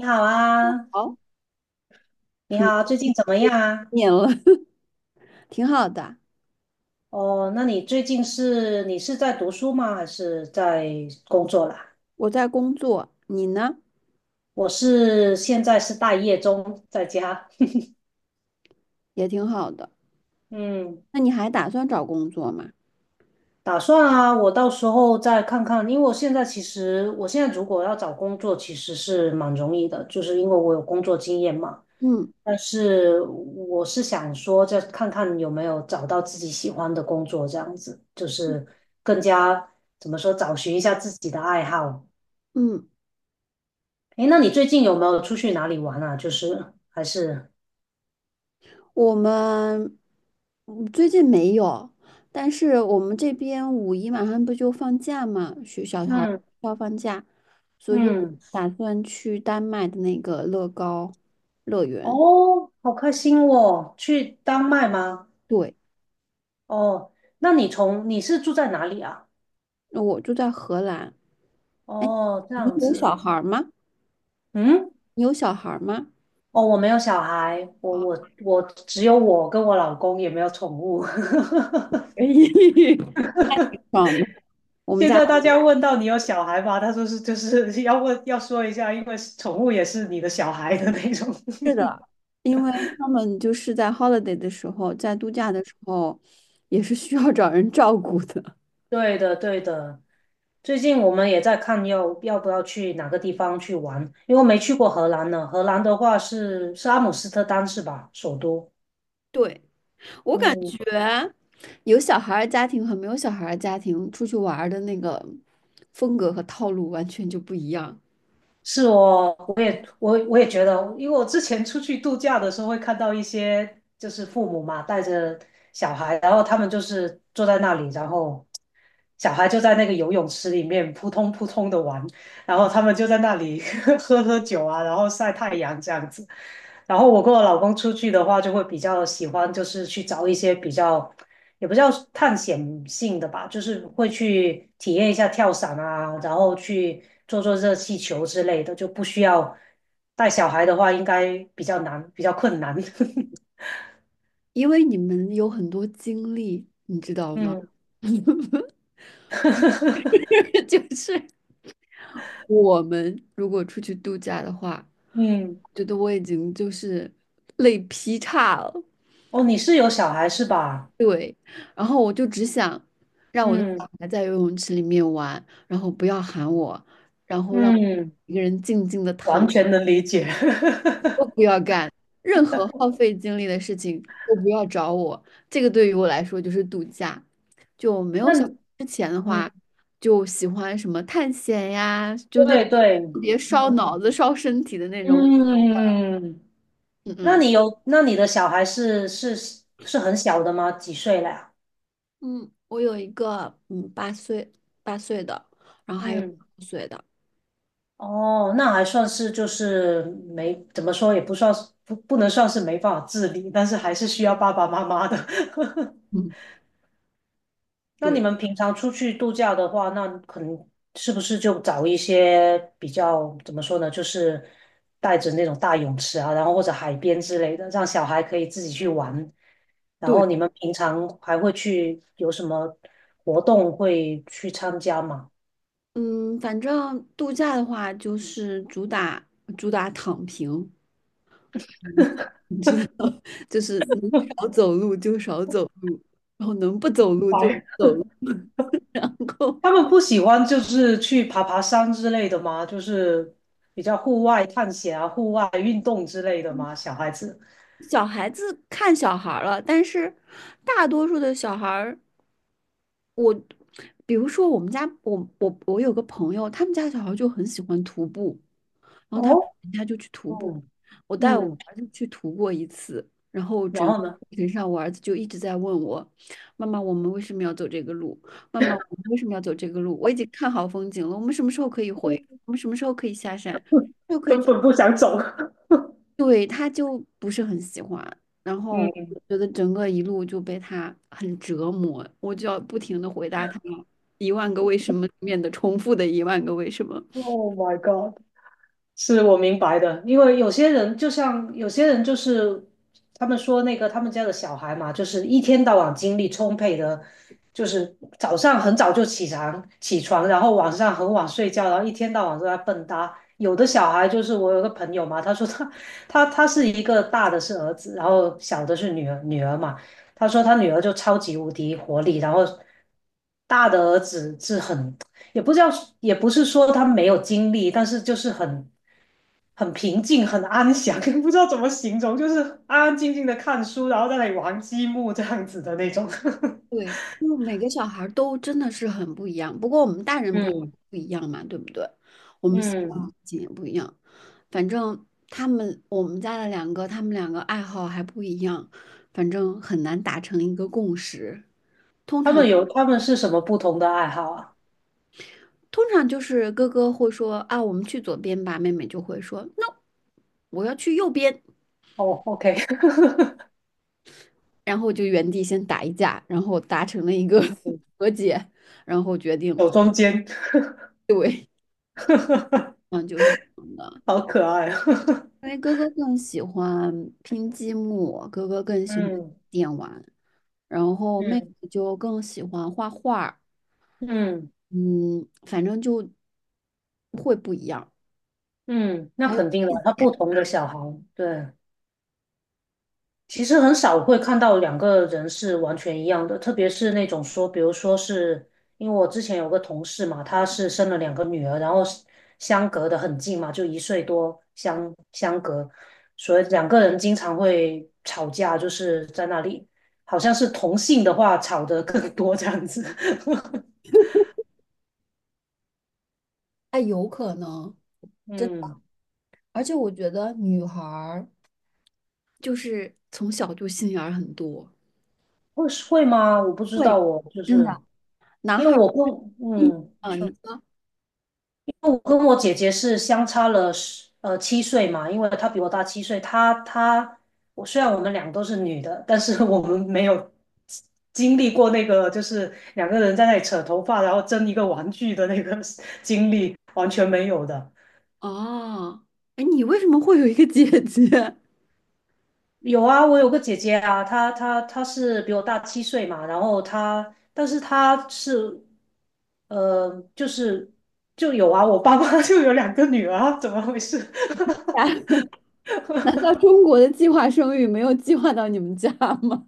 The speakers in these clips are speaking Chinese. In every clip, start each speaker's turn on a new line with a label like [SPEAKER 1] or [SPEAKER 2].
[SPEAKER 1] 你好啊，
[SPEAKER 2] 好，
[SPEAKER 1] 你
[SPEAKER 2] 很
[SPEAKER 1] 好，最
[SPEAKER 2] 多
[SPEAKER 1] 近怎么样啊？
[SPEAKER 2] 年了，挺好的。
[SPEAKER 1] 哦，那你最近你是在读书吗？还是在工作啦？
[SPEAKER 2] 我在工作，你呢？
[SPEAKER 1] 我现在是待业中，在家。
[SPEAKER 2] 也挺好的。
[SPEAKER 1] 嗯，
[SPEAKER 2] 那你还打算找工作吗？
[SPEAKER 1] 打算啊，我到时候再看看，因为我现在如果要找工作，其实是蛮容易的，就是因为我有工作经验嘛。
[SPEAKER 2] 嗯
[SPEAKER 1] 但是我是想说，再看看有没有找到自己喜欢的工作，这样子就是更加怎么说，找寻一下自己的爱好。
[SPEAKER 2] 嗯，
[SPEAKER 1] 诶，那你最近有没有出去哪里玩啊？就是还是
[SPEAKER 2] 我们最近没有，但是我们这边五一马上不就放假嘛，学小孩儿
[SPEAKER 1] 嗯
[SPEAKER 2] 要放假，所以我
[SPEAKER 1] 嗯
[SPEAKER 2] 打算去丹麦的那个乐高乐园。
[SPEAKER 1] 哦，好开心哦，去丹麦吗？
[SPEAKER 2] 对，
[SPEAKER 1] 哦，那你是住在哪里啊？
[SPEAKER 2] 那我住在荷兰。哎，
[SPEAKER 1] 哦，这
[SPEAKER 2] 你
[SPEAKER 1] 样
[SPEAKER 2] 有小
[SPEAKER 1] 子，
[SPEAKER 2] 孩儿吗？
[SPEAKER 1] 嗯，
[SPEAKER 2] 你有小孩儿吗？
[SPEAKER 1] 哦，我没有小孩，我
[SPEAKER 2] 啊，
[SPEAKER 1] 我我只有我跟我老公，也没有宠物。
[SPEAKER 2] 可以。爽的。我们
[SPEAKER 1] 现
[SPEAKER 2] 家
[SPEAKER 1] 在大家问到你有小孩吗？他说是，就是要问要说一下，因为宠物也是你的小孩的那种。
[SPEAKER 2] 是的，因为他们就是在 holiday 的时候，在度假的时候，也是需要找人照顾的。
[SPEAKER 1] 对的，对的。最近我们也在看要不要去哪个地方去玩，因为没去过荷兰呢。荷兰的话是阿姆斯特丹是吧？首都。
[SPEAKER 2] 对，我感
[SPEAKER 1] 嗯，
[SPEAKER 2] 觉有小孩儿家庭和没有小孩儿家庭出去玩儿的那个风格和套路完全就不一样，
[SPEAKER 1] 是哦，我也觉得，因为我之前出去度假的时候会看到一些就是父母嘛带着小孩，然后他们就是坐在那里，然后小孩就在那个游泳池里面扑通扑通的玩，然后他们就在那里 喝喝酒啊，然后晒太阳这样子。然后我跟我老公出去的话，就会比较喜欢就是去找一些比较也不叫探险性的吧，就是会去体验一下跳伞啊，然后去做做热气球之类的，就不需要带小孩的话，应该比较难，比较困难。
[SPEAKER 2] 因为你们有很多经历，你知道吗？
[SPEAKER 1] 嗯
[SPEAKER 2] 就是我们如果出去度假的话，
[SPEAKER 1] 嗯，
[SPEAKER 2] 觉得我已经就是累劈叉了。
[SPEAKER 1] 哦，你是有小孩是吧？
[SPEAKER 2] 对，然后我就只想让我的
[SPEAKER 1] 嗯
[SPEAKER 2] 小孩在游泳池里面玩，然后不要喊我，然后让我
[SPEAKER 1] 嗯，
[SPEAKER 2] 一个人静静的躺，
[SPEAKER 1] 完全能理解。
[SPEAKER 2] 都不要干任何耗费精力的事情，都不要找我。这个对于我来说就是度假。就没
[SPEAKER 1] 那
[SPEAKER 2] 有小孩之前的
[SPEAKER 1] 嗯，
[SPEAKER 2] 话，就喜欢什么探险呀，就那
[SPEAKER 1] 对对，
[SPEAKER 2] 特别烧脑
[SPEAKER 1] 嗯
[SPEAKER 2] 子、烧身体的那种。
[SPEAKER 1] 嗯，
[SPEAKER 2] 嗯
[SPEAKER 1] 那
[SPEAKER 2] 嗯，
[SPEAKER 1] 你有，那你的小孩是很小的吗？几岁了呀？
[SPEAKER 2] 嗯，我有一个八岁的，然后还有
[SPEAKER 1] 嗯。
[SPEAKER 2] 5岁的。
[SPEAKER 1] 哦，那还算是就是没怎么说，也不算是不能算是没办法自理，但是还是需要爸爸妈妈的。
[SPEAKER 2] 嗯，
[SPEAKER 1] 那你
[SPEAKER 2] 对。
[SPEAKER 1] 们平常出去度假的话，那可能是不是就找一些比较怎么说呢，就是带着那种大泳池啊，然后或者海边之类的，让小孩可以自己去玩。然
[SPEAKER 2] 对，
[SPEAKER 1] 后你们平常还会去有什么活动会去参加吗？
[SPEAKER 2] 嗯，反正度假的话，就是主打主打躺平，你知道，就是能少走路就少走路，然后能不走 路就不
[SPEAKER 1] 白
[SPEAKER 2] 走路，然后
[SPEAKER 1] 他们不喜欢就是去爬爬山之类的吗？就是比较户外探险啊、户外运动之类的吗？小孩子，
[SPEAKER 2] 小孩子看小孩儿了，但是大多数的小孩儿，我比如说我们家，我有个朋友，他们家小孩就很喜欢徒步，然后他们
[SPEAKER 1] 哦，
[SPEAKER 2] 人家就去徒步，
[SPEAKER 1] 嗯
[SPEAKER 2] 我带我
[SPEAKER 1] 嗯，
[SPEAKER 2] 儿子去徒过一次，然后
[SPEAKER 1] 然
[SPEAKER 2] 整个
[SPEAKER 1] 后呢，
[SPEAKER 2] 过程上我儿子就一直在问我，妈妈，我们为什么要走这个路？妈妈，我们为什么要走这个路？我已经看好风景了，我们什么时候可以回？我们什么时候可以下山？就可以
[SPEAKER 1] 根
[SPEAKER 2] 去，
[SPEAKER 1] 本不想走，
[SPEAKER 2] 对，他就不是很喜欢。然后
[SPEAKER 1] 嗯。
[SPEAKER 2] 我觉得整个一路就被他很折磨，我就要不停的回答他一万个为什么里面的重复的一万个为什么。
[SPEAKER 1] Oh my God！是我明白的，因为有些人就像有些人就是他们说那个他们家的小孩嘛，就是一天到晚精力充沛的，就是早上很早就起床，然后晚上很晚睡觉，然后一天到晚都在蹦跶。有的小孩就是我有个朋友嘛，他说他是一个大的是儿子，然后小的是女儿嘛，他说他女儿就超级无敌活力，然后大的儿子是很也不知道，也不是说他没有精力，但是就是很平静、很安详，不知道怎么形容，就是安安静静的看书，然后在那里玩积木这样子的那种。
[SPEAKER 2] 对，因为每个小孩儿都真的是很不一样，不过我们大人
[SPEAKER 1] 嗯
[SPEAKER 2] 不一样嘛，对不对？我们喜欢
[SPEAKER 1] 嗯，
[SPEAKER 2] 的事情也不一样，反正他们我们家的两个，他们两个爱好还不一样，反正很难达成一个共识。
[SPEAKER 1] 他们有他们是什么不同的爱好啊？
[SPEAKER 2] 通常就是哥哥会说啊，我们去左边吧，妹妹就会说 no，我要去右边，
[SPEAKER 1] 哦，OK，
[SPEAKER 2] 然后就原地先打一架，然后达成了一个
[SPEAKER 1] 嗯
[SPEAKER 2] 和解，然后决定。
[SPEAKER 1] 手中间，
[SPEAKER 2] 对，嗯，就是这样的。
[SPEAKER 1] 好可爱啊。
[SPEAKER 2] 因为哥哥更喜欢拼积木，哥哥更喜欢
[SPEAKER 1] 嗯
[SPEAKER 2] 电玩，然后妹
[SPEAKER 1] 嗯
[SPEAKER 2] 妹就更喜欢画画儿。
[SPEAKER 1] 嗯
[SPEAKER 2] 嗯，反正就会不一样。
[SPEAKER 1] 嗯，那肯定的，他不同的小孩，对。其实很少会看到两个人是完全一样的，特别是那种说，比如说是因为我之前有个同事嘛，她是生了两个女儿，然后是相隔的很近嘛，就一岁多相隔，所以两个人经常会吵架，就是在那里，好像是同性的话吵得更多这样子。
[SPEAKER 2] 哎，有可能，真的，
[SPEAKER 1] 嗯，
[SPEAKER 2] 而且我觉得女孩儿就是从小就心眼儿很多，
[SPEAKER 1] 会会吗？我不知
[SPEAKER 2] 会，
[SPEAKER 1] 道哦，我就
[SPEAKER 2] 真的。
[SPEAKER 1] 是
[SPEAKER 2] 男
[SPEAKER 1] 因为
[SPEAKER 2] 孩儿
[SPEAKER 1] 我不，
[SPEAKER 2] 一
[SPEAKER 1] 嗯。
[SPEAKER 2] 啊，你
[SPEAKER 1] 说。
[SPEAKER 2] 说
[SPEAKER 1] 我跟我姐姐是相差了七岁嘛，因为她比我大七岁。她她我虽然我们俩都是女的，但是我们没有经历过那个就是两个人在那里扯头发，然后争一个玩具的那个 经历，完全没有的。
[SPEAKER 2] 啊，哎，你为什么会有一个姐姐？
[SPEAKER 1] 有啊，我有个姐姐啊，她是比我大七岁嘛，然后她但是她是呃就是就有啊，我爸妈 就有两个女儿啊怎么回事？
[SPEAKER 2] 难道中国的计划生育没有计划到你们家吗？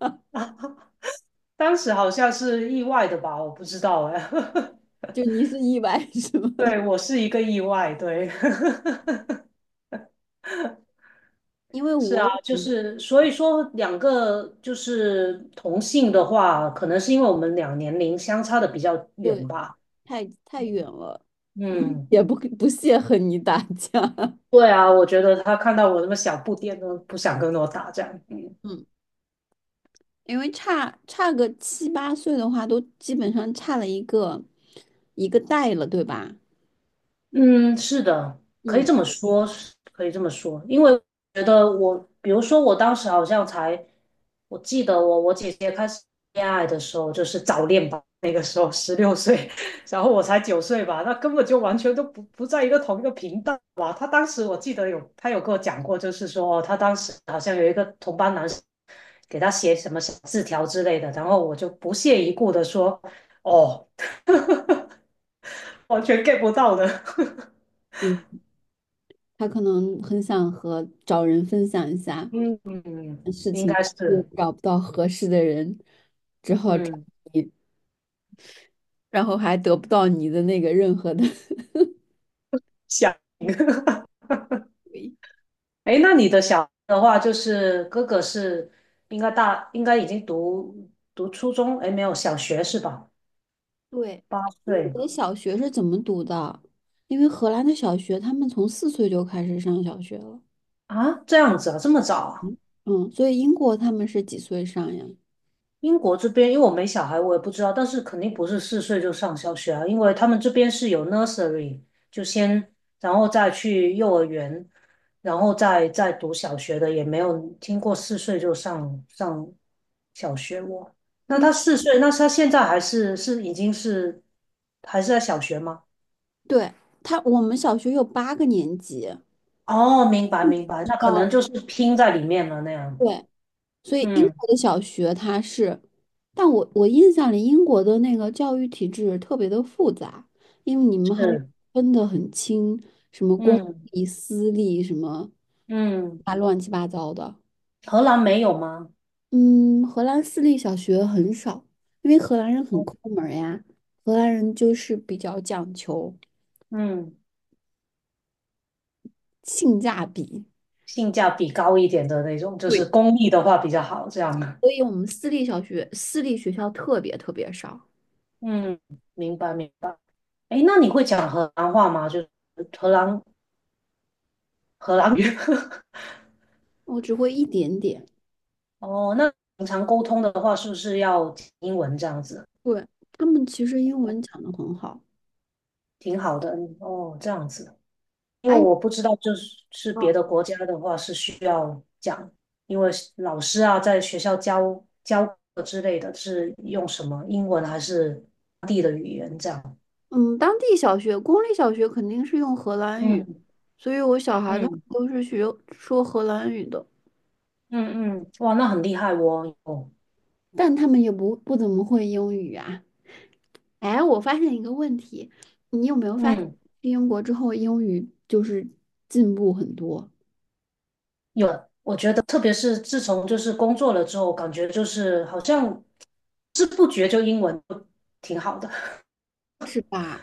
[SPEAKER 1] 当时好像是意外的吧，我不知道哎。
[SPEAKER 2] 就你是意外 是吗？
[SPEAKER 1] 对，我是一个意外，对，
[SPEAKER 2] 因为
[SPEAKER 1] 是
[SPEAKER 2] 我
[SPEAKER 1] 啊，
[SPEAKER 2] 也
[SPEAKER 1] 就
[SPEAKER 2] 不
[SPEAKER 1] 是所以说两个就是同性的话，可能是因为我们俩年龄相差的比较
[SPEAKER 2] 对
[SPEAKER 1] 远吧。
[SPEAKER 2] 太远了，
[SPEAKER 1] 嗯，
[SPEAKER 2] 也不屑和你打架。
[SPEAKER 1] 对啊，我觉得他看到我那么小不点都不想跟我打这样。嗯
[SPEAKER 2] 嗯，因为差个七八岁的话，都基本上差了一个代了，对吧？
[SPEAKER 1] 嗯，是的，可以
[SPEAKER 2] 嗯
[SPEAKER 1] 这么说，是可以这么说，因为我觉得我，比如说我当时好像才，我记得我姐姐开始恋爱的时候就是早恋吧，那个时候16岁，然后我才9岁吧，那根本就完全都不在一个同一个频道吧。她当时我记得有她有跟我讲过，就是说哦她当时好像有一个同班男生给她写什么小字条之类的，然后我就不屑一顾的说哦，完全 get 不到的。
[SPEAKER 2] 嗯，他可能很想和找人分享一下，
[SPEAKER 1] 嗯，应该
[SPEAKER 2] 也
[SPEAKER 1] 是，
[SPEAKER 2] 找不到合适的人，只好找
[SPEAKER 1] 嗯，
[SPEAKER 2] 你，然后还得不到你的那个任何的
[SPEAKER 1] 想。
[SPEAKER 2] 回应。
[SPEAKER 1] 哎，那你的小孩的话，就是哥哥是应该大，应该已经读初中，哎，没有小学是吧？
[SPEAKER 2] 对，
[SPEAKER 1] 八
[SPEAKER 2] 英
[SPEAKER 1] 岁
[SPEAKER 2] 国的小学是怎么读的？因为荷兰的小学，他们从4岁就开始上小学了。
[SPEAKER 1] 啊，这样子啊，这么早啊？
[SPEAKER 2] 嗯，所以英国他们是几岁上呀？
[SPEAKER 1] 英国这边，因为我没小孩，我也不知道，但是肯定不是四岁就上小学啊，因为他们这边是有 nursery，就先，然后再去幼儿园，然后再读小学的，也没有听过四岁就上小学我。那
[SPEAKER 2] 嗯，
[SPEAKER 1] 他四岁，那他现在还是是已经是还是在小学吗？
[SPEAKER 2] 对，他，我们小学有8个年级。
[SPEAKER 1] 哦，明白
[SPEAKER 2] 嗯，
[SPEAKER 1] 明白，
[SPEAKER 2] 知
[SPEAKER 1] 那可能
[SPEAKER 2] 道。
[SPEAKER 1] 就是拼在里面了那样。
[SPEAKER 2] 对，所以英
[SPEAKER 1] 嗯，
[SPEAKER 2] 国的小学它是，但我印象里英国的那个教育体制特别的复杂，因为你们还
[SPEAKER 1] 是，
[SPEAKER 2] 分得很清，什么公
[SPEAKER 1] 嗯
[SPEAKER 2] 立、私立，什么
[SPEAKER 1] 嗯，
[SPEAKER 2] 啊乱七八糟的。
[SPEAKER 1] 荷兰没有吗？
[SPEAKER 2] 嗯，荷兰私立小学很少，因为荷兰人很抠门儿呀。荷兰人就是比较讲求
[SPEAKER 1] 嗯。
[SPEAKER 2] 性价比，
[SPEAKER 1] 性价比高一点的那种，就是
[SPEAKER 2] 对，
[SPEAKER 1] 公益的话比较好，这样的
[SPEAKER 2] 所以我们私立小学、私立学校特别特别少，
[SPEAKER 1] 嗯，明白明白。哎，那你会讲荷兰话吗？就是荷兰荷兰语。
[SPEAKER 2] 我只会一点点。
[SPEAKER 1] 哦，那平常沟通的话，是不是要讲英文这样子？
[SPEAKER 2] 对，他们其实英文讲的很好。
[SPEAKER 1] 挺好的哦，这样子。因为
[SPEAKER 2] 哎，
[SPEAKER 1] 我不知道，就是别的国家的话是需要讲，因为老师啊在学校教课之类的，是用什么英文还是？
[SPEAKER 2] 嗯，当地小学、公立小学肯定是用荷兰语，
[SPEAKER 1] 嗯
[SPEAKER 2] 所以我小孩他们
[SPEAKER 1] 嗯
[SPEAKER 2] 都是学说荷兰语的，
[SPEAKER 1] 嗯嗯，哇，那很厉害哦。
[SPEAKER 2] 但他们也不怎么会英语啊。哎，我发现一个问题，你有没有发？去
[SPEAKER 1] 嗯，
[SPEAKER 2] 英国之后，英语就是进步很多，
[SPEAKER 1] 有，我觉得特别是自从就是工作了之后，感觉就是好像不知不觉就英文就挺好的，
[SPEAKER 2] 是吧？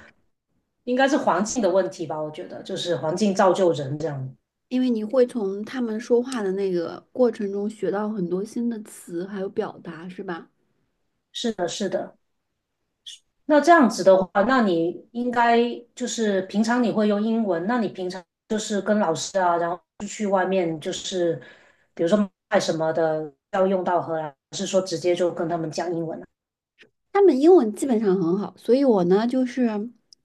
[SPEAKER 1] 应该是环境的问题吧？我觉得就是环境造就人这样。
[SPEAKER 2] 因为你会从他们说话的那个过程中学到很多新的词，还有表达，是吧？
[SPEAKER 1] 是的，是的。那这样子的话，那你应该就是平常你会用英文，那你平常就是跟老师啊，然后去外面就是比如说卖什么的要用到荷兰，还是说直接就跟他们讲英文啊？
[SPEAKER 2] 他们英文基本上很好，所以我呢就是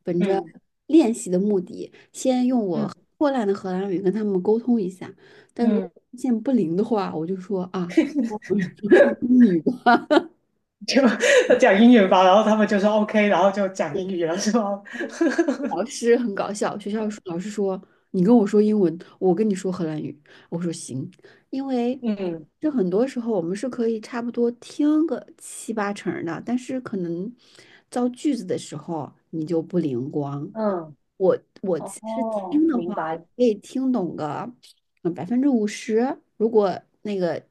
[SPEAKER 2] 本着
[SPEAKER 1] 嗯
[SPEAKER 2] 练习的目的，先用我
[SPEAKER 1] 嗯
[SPEAKER 2] 破烂的荷兰语跟他们沟通一下。但如果
[SPEAKER 1] 嗯。
[SPEAKER 2] 发现不灵的话，我就说啊，说英语吧。
[SPEAKER 1] 要讲英语吧，然后他们就说 OK，然后就讲英语了，是吗？
[SPEAKER 2] 老师很搞笑，学校说老师说你跟我说英文，我跟你说荷兰语。我说行，因为
[SPEAKER 1] 嗯
[SPEAKER 2] 就很多时候我们是可以差不多听个七八成儿的，但是可能造句子的时候你就不灵光。
[SPEAKER 1] 嗯，哦，
[SPEAKER 2] 是
[SPEAKER 1] 哦，
[SPEAKER 2] 听的
[SPEAKER 1] 明
[SPEAKER 2] 话，我
[SPEAKER 1] 白，
[SPEAKER 2] 可以听懂个百分之五十。如果那个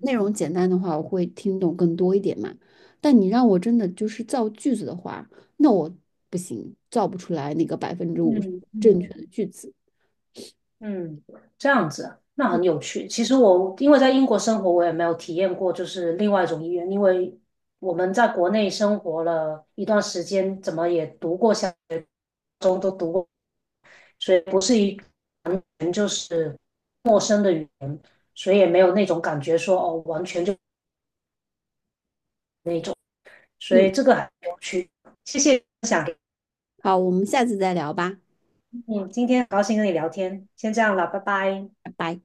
[SPEAKER 2] 内容简单的话，我会听懂更多一点嘛。但你让我真的就是造句子的话，那我不行，造不出来那个百分之五十
[SPEAKER 1] 嗯嗯
[SPEAKER 2] 正确的句子。
[SPEAKER 1] 嗯，这样子啊，那很有趣。其实我因为在英国生活，我也没有体验过就是另外一种语言，因为我们在国内生活了一段时间，怎么也读过小学、初中都读过，所以不是一是陌生的语言，所以也没有那种感觉说哦，完全就，所
[SPEAKER 2] 嗯，
[SPEAKER 1] 以这个很有趣。谢谢。
[SPEAKER 2] 好，我们下次再聊吧，
[SPEAKER 1] 嗯，今天很高兴跟你聊天，先这样了，拜拜。
[SPEAKER 2] 拜拜。